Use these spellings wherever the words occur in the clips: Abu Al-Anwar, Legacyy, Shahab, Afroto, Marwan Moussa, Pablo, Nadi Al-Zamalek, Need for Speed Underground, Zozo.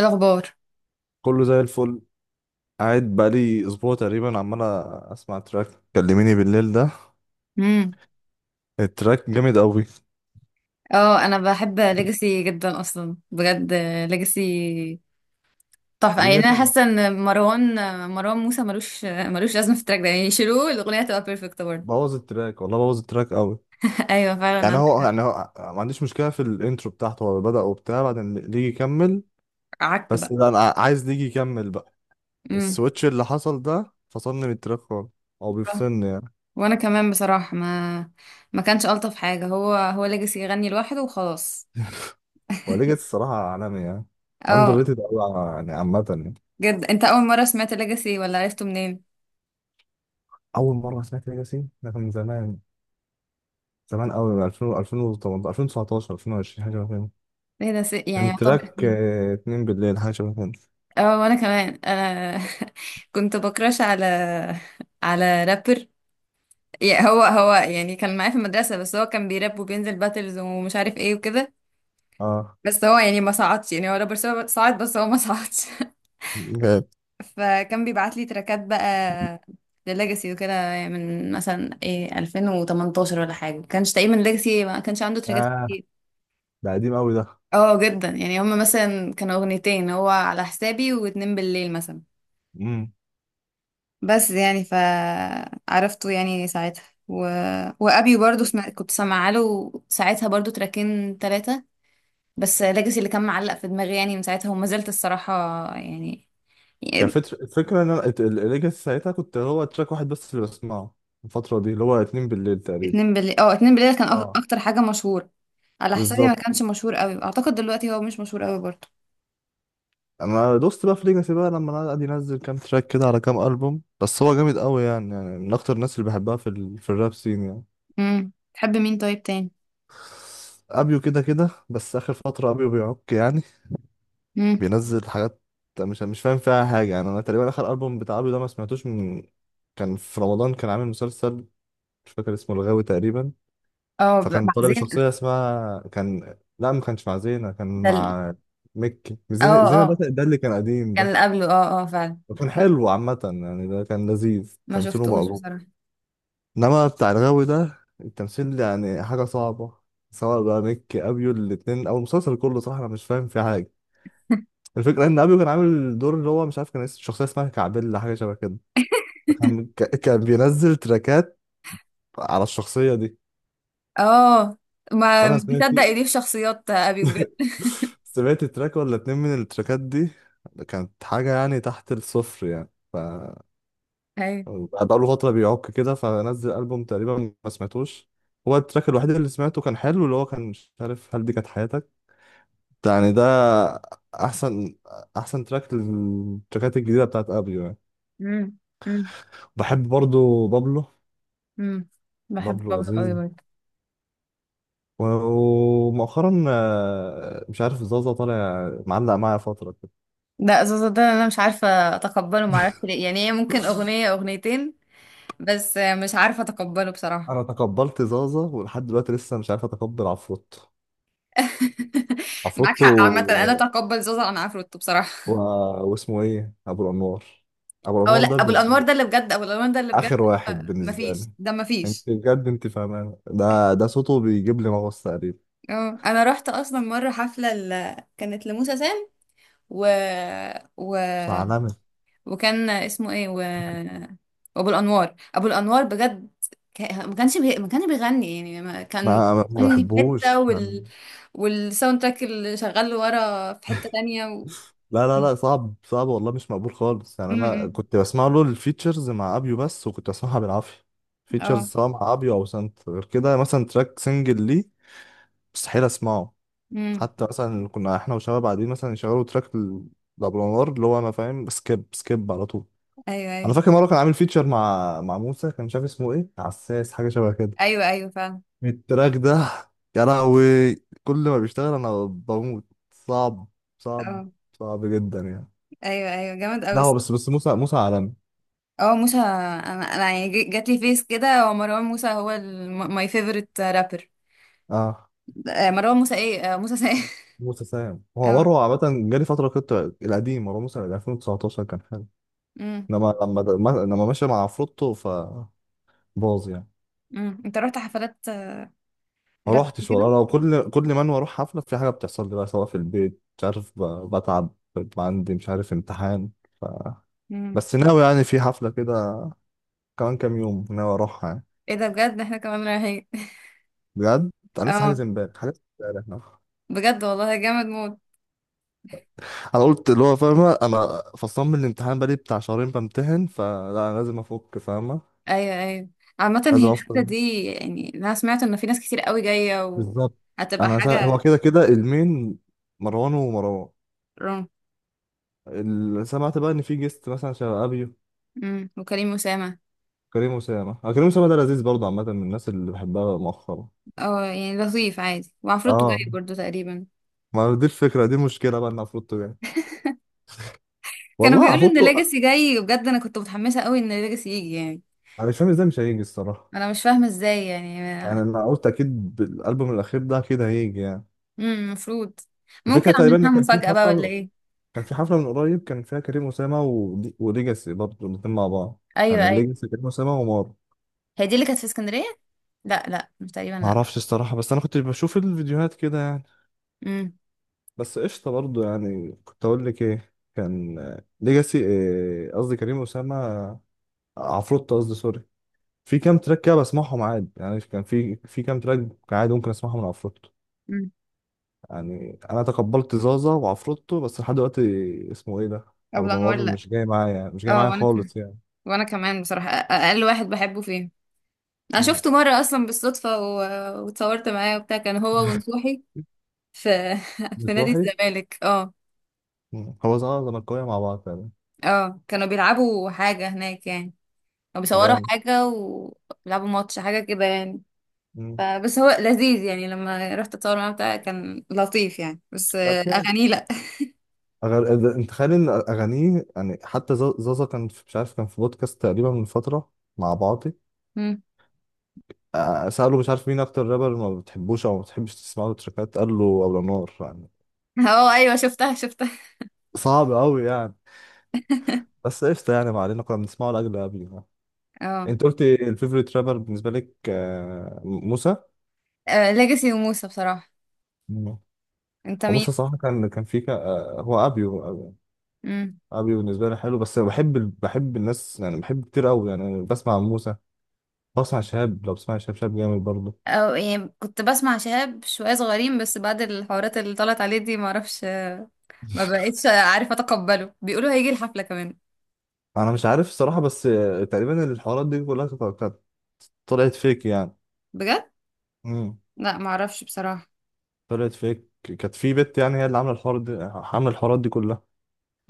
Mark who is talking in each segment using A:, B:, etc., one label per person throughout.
A: الأخبار.
B: كله زي الفل. قاعد بقالي اسبوع تقريبا عمال اسمع تراك. كلميني بالليل ده.
A: امم
B: التراك جامد قوي.
A: اه، أنا بحب ليجاسي جدا أصلا بجد. ليجاسي تحفة يعني.
B: ليه
A: أنا
B: جا-
A: حاسة إن مروان موسى ملوش لازمة في التراك ده، يعني يشيلوه الأغنية تبقى بيرفكت برضه.
B: بوظ التراك، والله بوظ التراك قوي.
A: أيوة فعلا
B: يعني
A: عندك
B: هو
A: حق.
B: يعني هو ما عنديش مشكله في الانترو بتاعته، هو بدأ وبتاع بعدين ليجي يكمل.
A: عك
B: بس
A: بقى.
B: لا، انا عايز ليجي يكمل بقى.
A: امم
B: السويتش اللي حصل ده فصلني من التراك خالص، او بيفصلني يعني.
A: وأنا كمان بصراحة ما كانش ألطف حاجة هو ليجاسي يغني لوحده وخلاص.
B: وليجاسي الصراحه عالمي يعني، اندر
A: اه.
B: ريتد قوي يعني، عامه يعني.
A: جد أنت أول مرة سمعت ليجاسي ولا عرفته منين؟
B: اول مره سمعت ليجاسي ده كان من زمان، زمان قوي، 2000 2018 2019 2020 حاجه شبه كده.
A: ايه ده يعني
B: كان
A: يعتبر.
B: تراك 2 بالليل حاجه شبه كده.
A: اه وانا كمان انا. كنت بكراش على على رابر. يعني هو يعني كان معايا في المدرسة، بس هو كان بيراب وبينزل باتلز ومش عارف ايه وكده.
B: اه
A: بس هو يعني ما صعدش، يعني هو رابر صعد، بس هو ما صعدش.
B: جامد.
A: فكان بيبعت لي تراكات بقى لليجاسي وكده، يعني من مثلا ايه 2018 ولا حاجة. كانش تقريبا ليجاسي ما كانش عنده تراكات
B: اه
A: كتير.
B: ده قديم قوي ده.
A: اه جدا. يعني هما مثلا كانوا اغنيتين، هو على حسابي واتنين بالليل مثلا.
B: امم
A: بس يعني فعرفته يعني ساعتها و... وابي برضو سمع... كنت سامعه له ساعتها برضو تراكين ثلاثه. بس ليجاسي اللي كان معلق في دماغي يعني من ساعتها وما زلت الصراحه يعني.
B: يعني فكرة، الفكره ان انا الليجاسي ساعتها كنت هو تراك واحد بس اللي بسمعه الفتره دي، اللي هو 2 بالليل تقريبا.
A: اتنين بالليل، اه اتنين بالليل كان
B: اه
A: اكتر حاجه مشهور. على حسابي ما
B: بالظبط.
A: كانش مشهور قوي، اعتقد دلوقتي هو مش مشهور قوي برضو.
B: انا دوست بقى في ليجاسي بقى، لما انا قاعد ينزل كام تراك كده على كام البوم، بس هو جامد قوي يعني، يعني من اكتر الناس اللي بحبها في ال... في الراب سين يعني.
A: تحب مين طيب تاني؟
B: ابيو كده كده، بس اخر فتره ابيو بيعك يعني،
A: امم
B: بينزل حاجات مش فاهم فيها حاجة يعني. أنا تقريبا آخر ألبوم بتاع عبده ده ما سمعتوش من. كان في رمضان كان عامل مسلسل، مش فاكر اسمه، الغاوي تقريبا.
A: اه
B: فكان طالع
A: محزين.
B: بشخصية اسمها، كان لا ما كانش مع زينة كان
A: ده ال-
B: مع مكي. زينة،
A: اه
B: زينة ده
A: اه
B: ده اللي كان قديم
A: كان
B: ده.
A: اللي قبله، اه اه فعلا.
B: وكان حلو عامة يعني، ده كان لذيذ،
A: ما
B: تمثيله
A: شفتوش
B: مقبول.
A: بصراحه.
B: إنما بتاع الغاوي ده التمثيل يعني حاجة صعبة، سواء بقى مكي أبيو الاتنين أو المسلسل كله، صح أنا مش فاهم فيه حاجة. الفكرة إن أبيو كان عامل دور اللي هو مش عارف، كان الشخصية اسمها كعبيل ولا حاجة شبه كده. فكان كان بينزل تراكات على الشخصية دي.
A: اه ما
B: فأنا سمعت
A: بيصدق ايديه في شخصيات ابي بجد.
B: سمعت تراك ولا اتنين من التراكات دي، كانت حاجة يعني تحت الصفر يعني. ف
A: ايوه.
B: بقاله فترة بيعك كده، فنزل ألبوم تقريبا ما سمعتوش. هو التراك الوحيد اللي سمعته كان حلو، اللي هو كان مش عارف هل دي كانت حياتك يعني، ده أحسن أحسن تراك للتراكات الجديدة بتاعت أبيو يعني.
A: امم امم
B: بحب برضو بابلو.
A: امم بحب
B: بابلو
A: بابلو
B: لذيذ.
A: قوي برضه.
B: ومؤخرا مش عارف زازا طالع، معلق معايا فترة كده.
A: لا زوزو ده انا مش عارفه اتقبله، ما اعرفش ليه. يعني هي ممكن اغنيه اغنيتين، بس مش عارفه اتقبله بصراحه.
B: أنا تقبلت زازا، ولحد دلوقتي لسه مش عارف أتقبل عفروتو.
A: معاك
B: عفروتو
A: حق عامه، انا
B: و...
A: اتقبل زوزو عن عفروتو بصراحه.
B: و... واسمه إيه، أبو الأنوار. أبو
A: او
B: الأنوار
A: لا،
B: ده
A: ابو الانوار ده اللي بجد، ابو الانوار ده اللي بجد.
B: آخر واحد
A: ما
B: بالنسبة
A: فيش،
B: لي.
A: ده ما
B: أنت
A: فيش.
B: بجد أنت فاهمان ده، ده صوته بيجيب لي مغص تقريبا.
A: اه انا رحت اصلا مره حفله ل... كانت لموسى سام و... و...
B: بس عالمي.
A: وكان اسمه ايه و... وابو الانوار، ابو الانوار بجد ما كانش ما كانش بيغني يعني، ما كان
B: ما
A: بيغني في حته
B: بحبوش
A: وال...
B: يعني.
A: والساوند تراك اللي شغال ورا في حته تانية و...
B: لا لا لا، صعب صعب، والله مش مقبول خالص يعني، انا
A: امم
B: كنت بسمع له الفيتشرز مع ابيو بس، وكنت بسمعها بالعافيه. فيتشرز
A: اه.
B: سواء مع ابيو او سانت، غير كده مثلا تراك سنجل ليه مستحيل اسمعه.
A: امم
B: حتى مثلا كنا احنا وشباب قاعدين مثلا يشغلوا تراك لابو الانوار، اللي هو انا فاهم سكيب سكيب على طول.
A: ايوه
B: انا
A: ايوه
B: فاكر مره كان عامل فيتشر مع موسى، كان مش عارف اسمه ايه، عساس حاجه شبه كده.
A: ايوه ايوه فعلا.
B: التراك ده، يا لهوي! كل ما بيشتغل انا بموت. صعب صعب.
A: اه
B: صعب جدا يعني.
A: ايوه ايوه جامد
B: ده
A: قوي.
B: هو بس موسى موسى عالمي.
A: اه موسى، انا انا يعني جات لي فيس كده هو مروان موسى، هو ماي فيفورت رابر.
B: اه
A: مروان موسى ايه، موسى سايق.
B: موسى سام هو
A: اه.
B: مروه عامة جالي فترة كنت. القديم، مروه موسى ال 2019 كان حلو.
A: امم
B: انما لما لما ماشي مع عفروتو فباظ يعني.
A: انت رحت حفلات
B: ما
A: راب
B: روحتش والله،
A: كده؟
B: لو كل ما انا اروح حفلة في حاجة بتحصل لي بقى، سواء في البيت مش عارف بتعب، بيبقى عندي مش عارف امتحان. ف...
A: مم.
B: بس ناوي يعني في حفلة كده، كمان كام يوم ناوي اروحها يعني.
A: ايه ده بجد، احنا كمان رايحين.
B: بجد انا لسه حاجز،
A: اه
B: امبارح حاجز، امبارح.
A: بجد والله جامد موت.
B: انا قلت اللي هو فاهمه، انا فصلان من الامتحان بقالي بتاع شهرين بمتحن، فلا انا لازم افك فاهمه،
A: ايوه ايوه. عامة هي
B: لازم
A: الحتة
B: افصل.
A: دي، يعني انا سمعت ان في ناس كتير قوي جاية
B: بالظبط.
A: وهتبقى
B: انا سمع... هو
A: حاجة.
B: كده كده المين، مروان ومروان.
A: روم.
B: سمعت بقى ان في جيست مثلا شبه ابيو،
A: وكريم أسامة.
B: كريم اسامه. كريم اسامه ده لذيذ برضه، عامه من الناس اللي بحبها مؤخرا.
A: اه يعني لطيف عادي، وعفروتو
B: اه،
A: جاي برضو تقريبا.
B: ما دي الفكره، دي مشكله بقى ان عفروتو يعني،
A: كانوا
B: والله
A: بيقولوا ان
B: عفروتو.
A: ليجاسي جاي بجد، انا كنت متحمسة قوي ان ليجاسي يجي يعني.
B: انا مش فاهم ازاي مش هيجي الصراحه
A: انا مش فاهمة ازاي يعني.
B: يعني، انا قلت اكيد بالالبوم الاخير ده اكيد هيجي يعني.
A: المفروض. ممكن
B: الفكره تقريبا ان
A: عاملينها
B: كان في
A: مفاجأة بقى، ولا
B: حفله،
A: ايه؟
B: كان في حفلة من قريب كان فيها كريم أسامة وليجاسي برضه، الاتنين مع بعض،
A: ايوه
B: يعني
A: ايوه.
B: ليجاسي كريم أسامة ومار.
A: هي دي اللي كانت في اسكندرية؟ لا لا، مش تقريبا لا.
B: معرفش الصراحة، بس أنا كنت بشوف الفيديوهات كده يعني. بس قشطة برضه، يعني كنت أقول لك إيه، كان ليجاسي، قصدي كريم أسامة، عفروتو قصدي سوري، في كام تراك كده بسمعهم عادي يعني. كان في في كام تراك عادي ممكن أسمعهم من عفروتو
A: امم
B: يعني. أنا تقبلت زازا وعفروتو بس لحد دلوقتي. اسمه إيه ده؟
A: ابو
B: أبو
A: الانوار،
B: نور
A: لا.
B: مش جاي معايا، مش جاي
A: اه
B: معايا
A: وانا كمان،
B: خالص يعني.
A: وانا كمان بصراحه اقل واحد بحبه فيه. انا
B: مم.
A: شفته مره اصلا بالصدفه و... واتصورت معاه وبتاع، كان هو ونصوحي في في نادي
B: بتروحي.
A: الزمالك، اه.
B: مم. هو زمان زملكاوية مع بعض فعلا.
A: اه كانوا بيلعبوا حاجه هناك يعني، او بيصوروا
B: جامد.
A: حاجه وبيلعبوا ماتش حاجه كده يعني. ف...
B: مم.
A: بس هو لذيذ يعني، لما رحت اتصور معاه بتاع كان لطيف يعني، بس
B: طب جامد.
A: اغانيه لا.
B: أغل... انت تخيل ان اغانيه يعني، حتى زازا كان في، مش عارف كان في بودكاست تقريبا من فترة مع بعاطي،
A: مم.
B: سأله مش عارف مين اكتر رابر ما بتحبوش او ما بتحبش تسمع له تراكات، قال له ابو نور يعني.
A: اه ايوه، شفتها شفتها.
B: صعب قوي يعني. بس قشطة يعني، ما علينا كنا بنسمعه لاجل قبل يعني.
A: اه،
B: انت قلت الفيفوريت رابر بالنسبة لك موسى.
A: ليجاسي وموسى بصراحه.
B: مم.
A: انت.
B: وموسى صراحة كان في ك... هو ابيو.
A: مين؟
B: ابي بالنسبه لي حلو، بس بحب بحب الناس يعني، بحب كتير قوي يعني. أنا بسمع عم موسى، بسمع شهاب، لو بسمع شهاب، شهاب جامد برضه.
A: او يعني كنت بسمع شهاب شوية صغيرين، بس بعد الحوارات اللي طلعت عليه دي معرفش. ما بقتش عارفة اتقبله. بيقولوا هيجي الحفلة كمان.
B: انا مش عارف الصراحه، بس تقريبا الحوارات دي كلها كانت طلعت فيك يعني.
A: بجد؟
B: امم
A: لا معرفش بصراحة.
B: طلعت فيك، كانت في بنت يعني هي اللي عامله الحوار دي، عامله الحوارات دي كلها.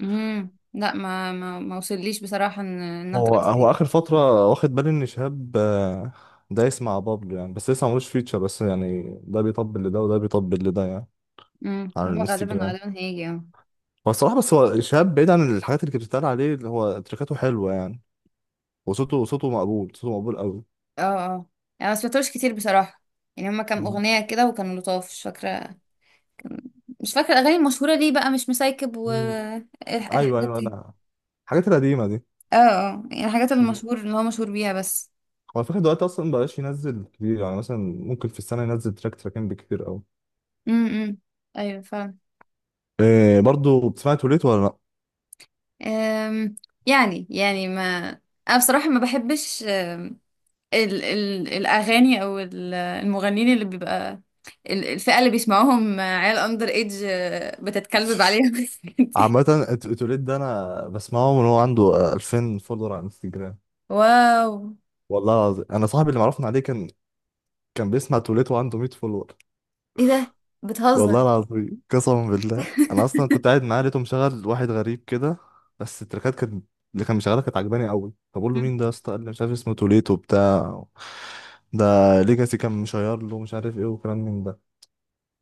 A: لا ما وصليش بصراحة ان انها
B: هو
A: طلعت فيه.
B: هو اخر فتره واخد بالي ان شهاب دايس مع بابلو يعني، بس لسه ملوش فيتشر، بس يعني ده بيطبل لده وده بيطبل لده يعني على
A: هو غالبا
B: الانستجرام.
A: غالبا هيجي اه.
B: هو الصراحه بس هو شهاب بعيد عن الحاجات اللي كانت بتتقال عليه، اللي هو تريكاته حلوه يعني، وصوته مقبول، صوته مقبول قوي.
A: اه اه انا ما سمعتوش كتير بصراحة، يعني هما كام
B: مم.
A: اغنية كده وكانوا لطاف مش فاكرة. كان- مش فاكرة الاغاني المشهورة ليه بقى، مش مسايكب
B: مم. ايوه
A: والحاجات
B: ايوه،
A: دي.
B: لا الحاجات القديمه دي.
A: اه اه يعني الحاجات
B: مم.
A: المشهور اللي هو مشهور بيها بس.
B: هو الفكره دلوقتي اصلا مبقاش ينزل كتير يعني، مثلا ممكن في السنه ينزل تراك تراكين بكتير قوي.
A: امم امم. ايوه فعلا.
B: إيه برضو، بتسمع توليت ولا لا؟
A: أم، يعني ما، انا بصراحه ما بحبش، ال ال الاغاني او المغنيين اللي بيبقى الفئه اللي بيسمعوهم عيال اندر ايج، بتتكلبب عليهم.
B: عامه توليت ده انا بسمعه من هو عنده 2000 فولور على انستجرام.
A: واو.
B: والله العظيم، انا صاحبي اللي معرفنا عليه كان بيسمع توليت وعنده 100 فولور.
A: ايه ده، بتهزر؟
B: والله العظيم قسما بالله، انا اصلا كنت قاعد معاه لقيته مشغل واحد غريب كده، بس التراكات كانت، اللي كان مشغلها كانت عجباني قوي. فبقول له
A: مم.
B: مين ده يا اسطى، قال لي مش عارف اسمه توليتو بتاع ده، ليجاسي كان مشير له مش عارف ايه وكلام من ده.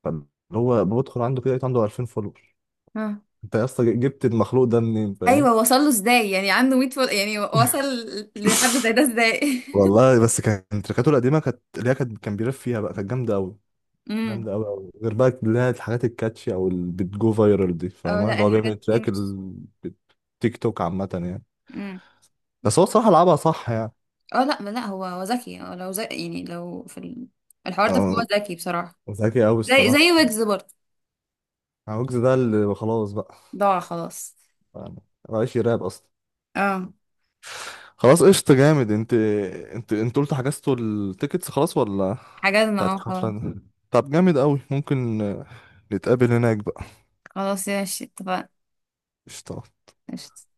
B: فاللي هو بدخل عنده كده لقيت عنده 2000 فولور.
A: آه.
B: انت يا اسطى جبت المخلوق ده منين فاهم.
A: ايوه وصل له ازاي؟ يعني عنده 100 فول يعني، وصل لحد زي ده ازاي؟
B: والله بس كان تراكاته القديمه كانت، اللي هي كانت، كان بيرف فيها بقى، كانت جامده قوي،
A: امم
B: جامده قوي قوي، غير بقى اللي هي الحاجات الكاتشي او اللي بتجو فايرال دي
A: او
B: فاهمه، اللي
A: لا،
B: هو بيعمل
A: الحاجات دي
B: تراك
A: مش.
B: ال... تيك توك عامة يعني. بس هو الصراحة لعبها صح يعني.
A: اه لا ما لا، هو ذكي، هو لو ذكي يعني لو في الحوار ده فهو
B: اه
A: ذكي بصراحة.
B: ذكي أوي
A: زي زي
B: الصراحة.
A: ويجز برضه.
B: عوجز ده اللي خلاص بقى
A: ضاع خلاص.
B: يعني، مبقاش يراب أصلا.
A: اه
B: خلاص قشطة. جامد انت. انت انتوا قلتوا حجزتوا التيكتس خلاص ولا
A: حجزنا،
B: بتاعت
A: اه
B: الحفلة
A: خلاص.
B: دي؟ طب جامد أوي. ممكن نتقابل هناك بقى.
A: خلاص يا ماشي، اتفقنا.
B: قشطة
A: قشطة.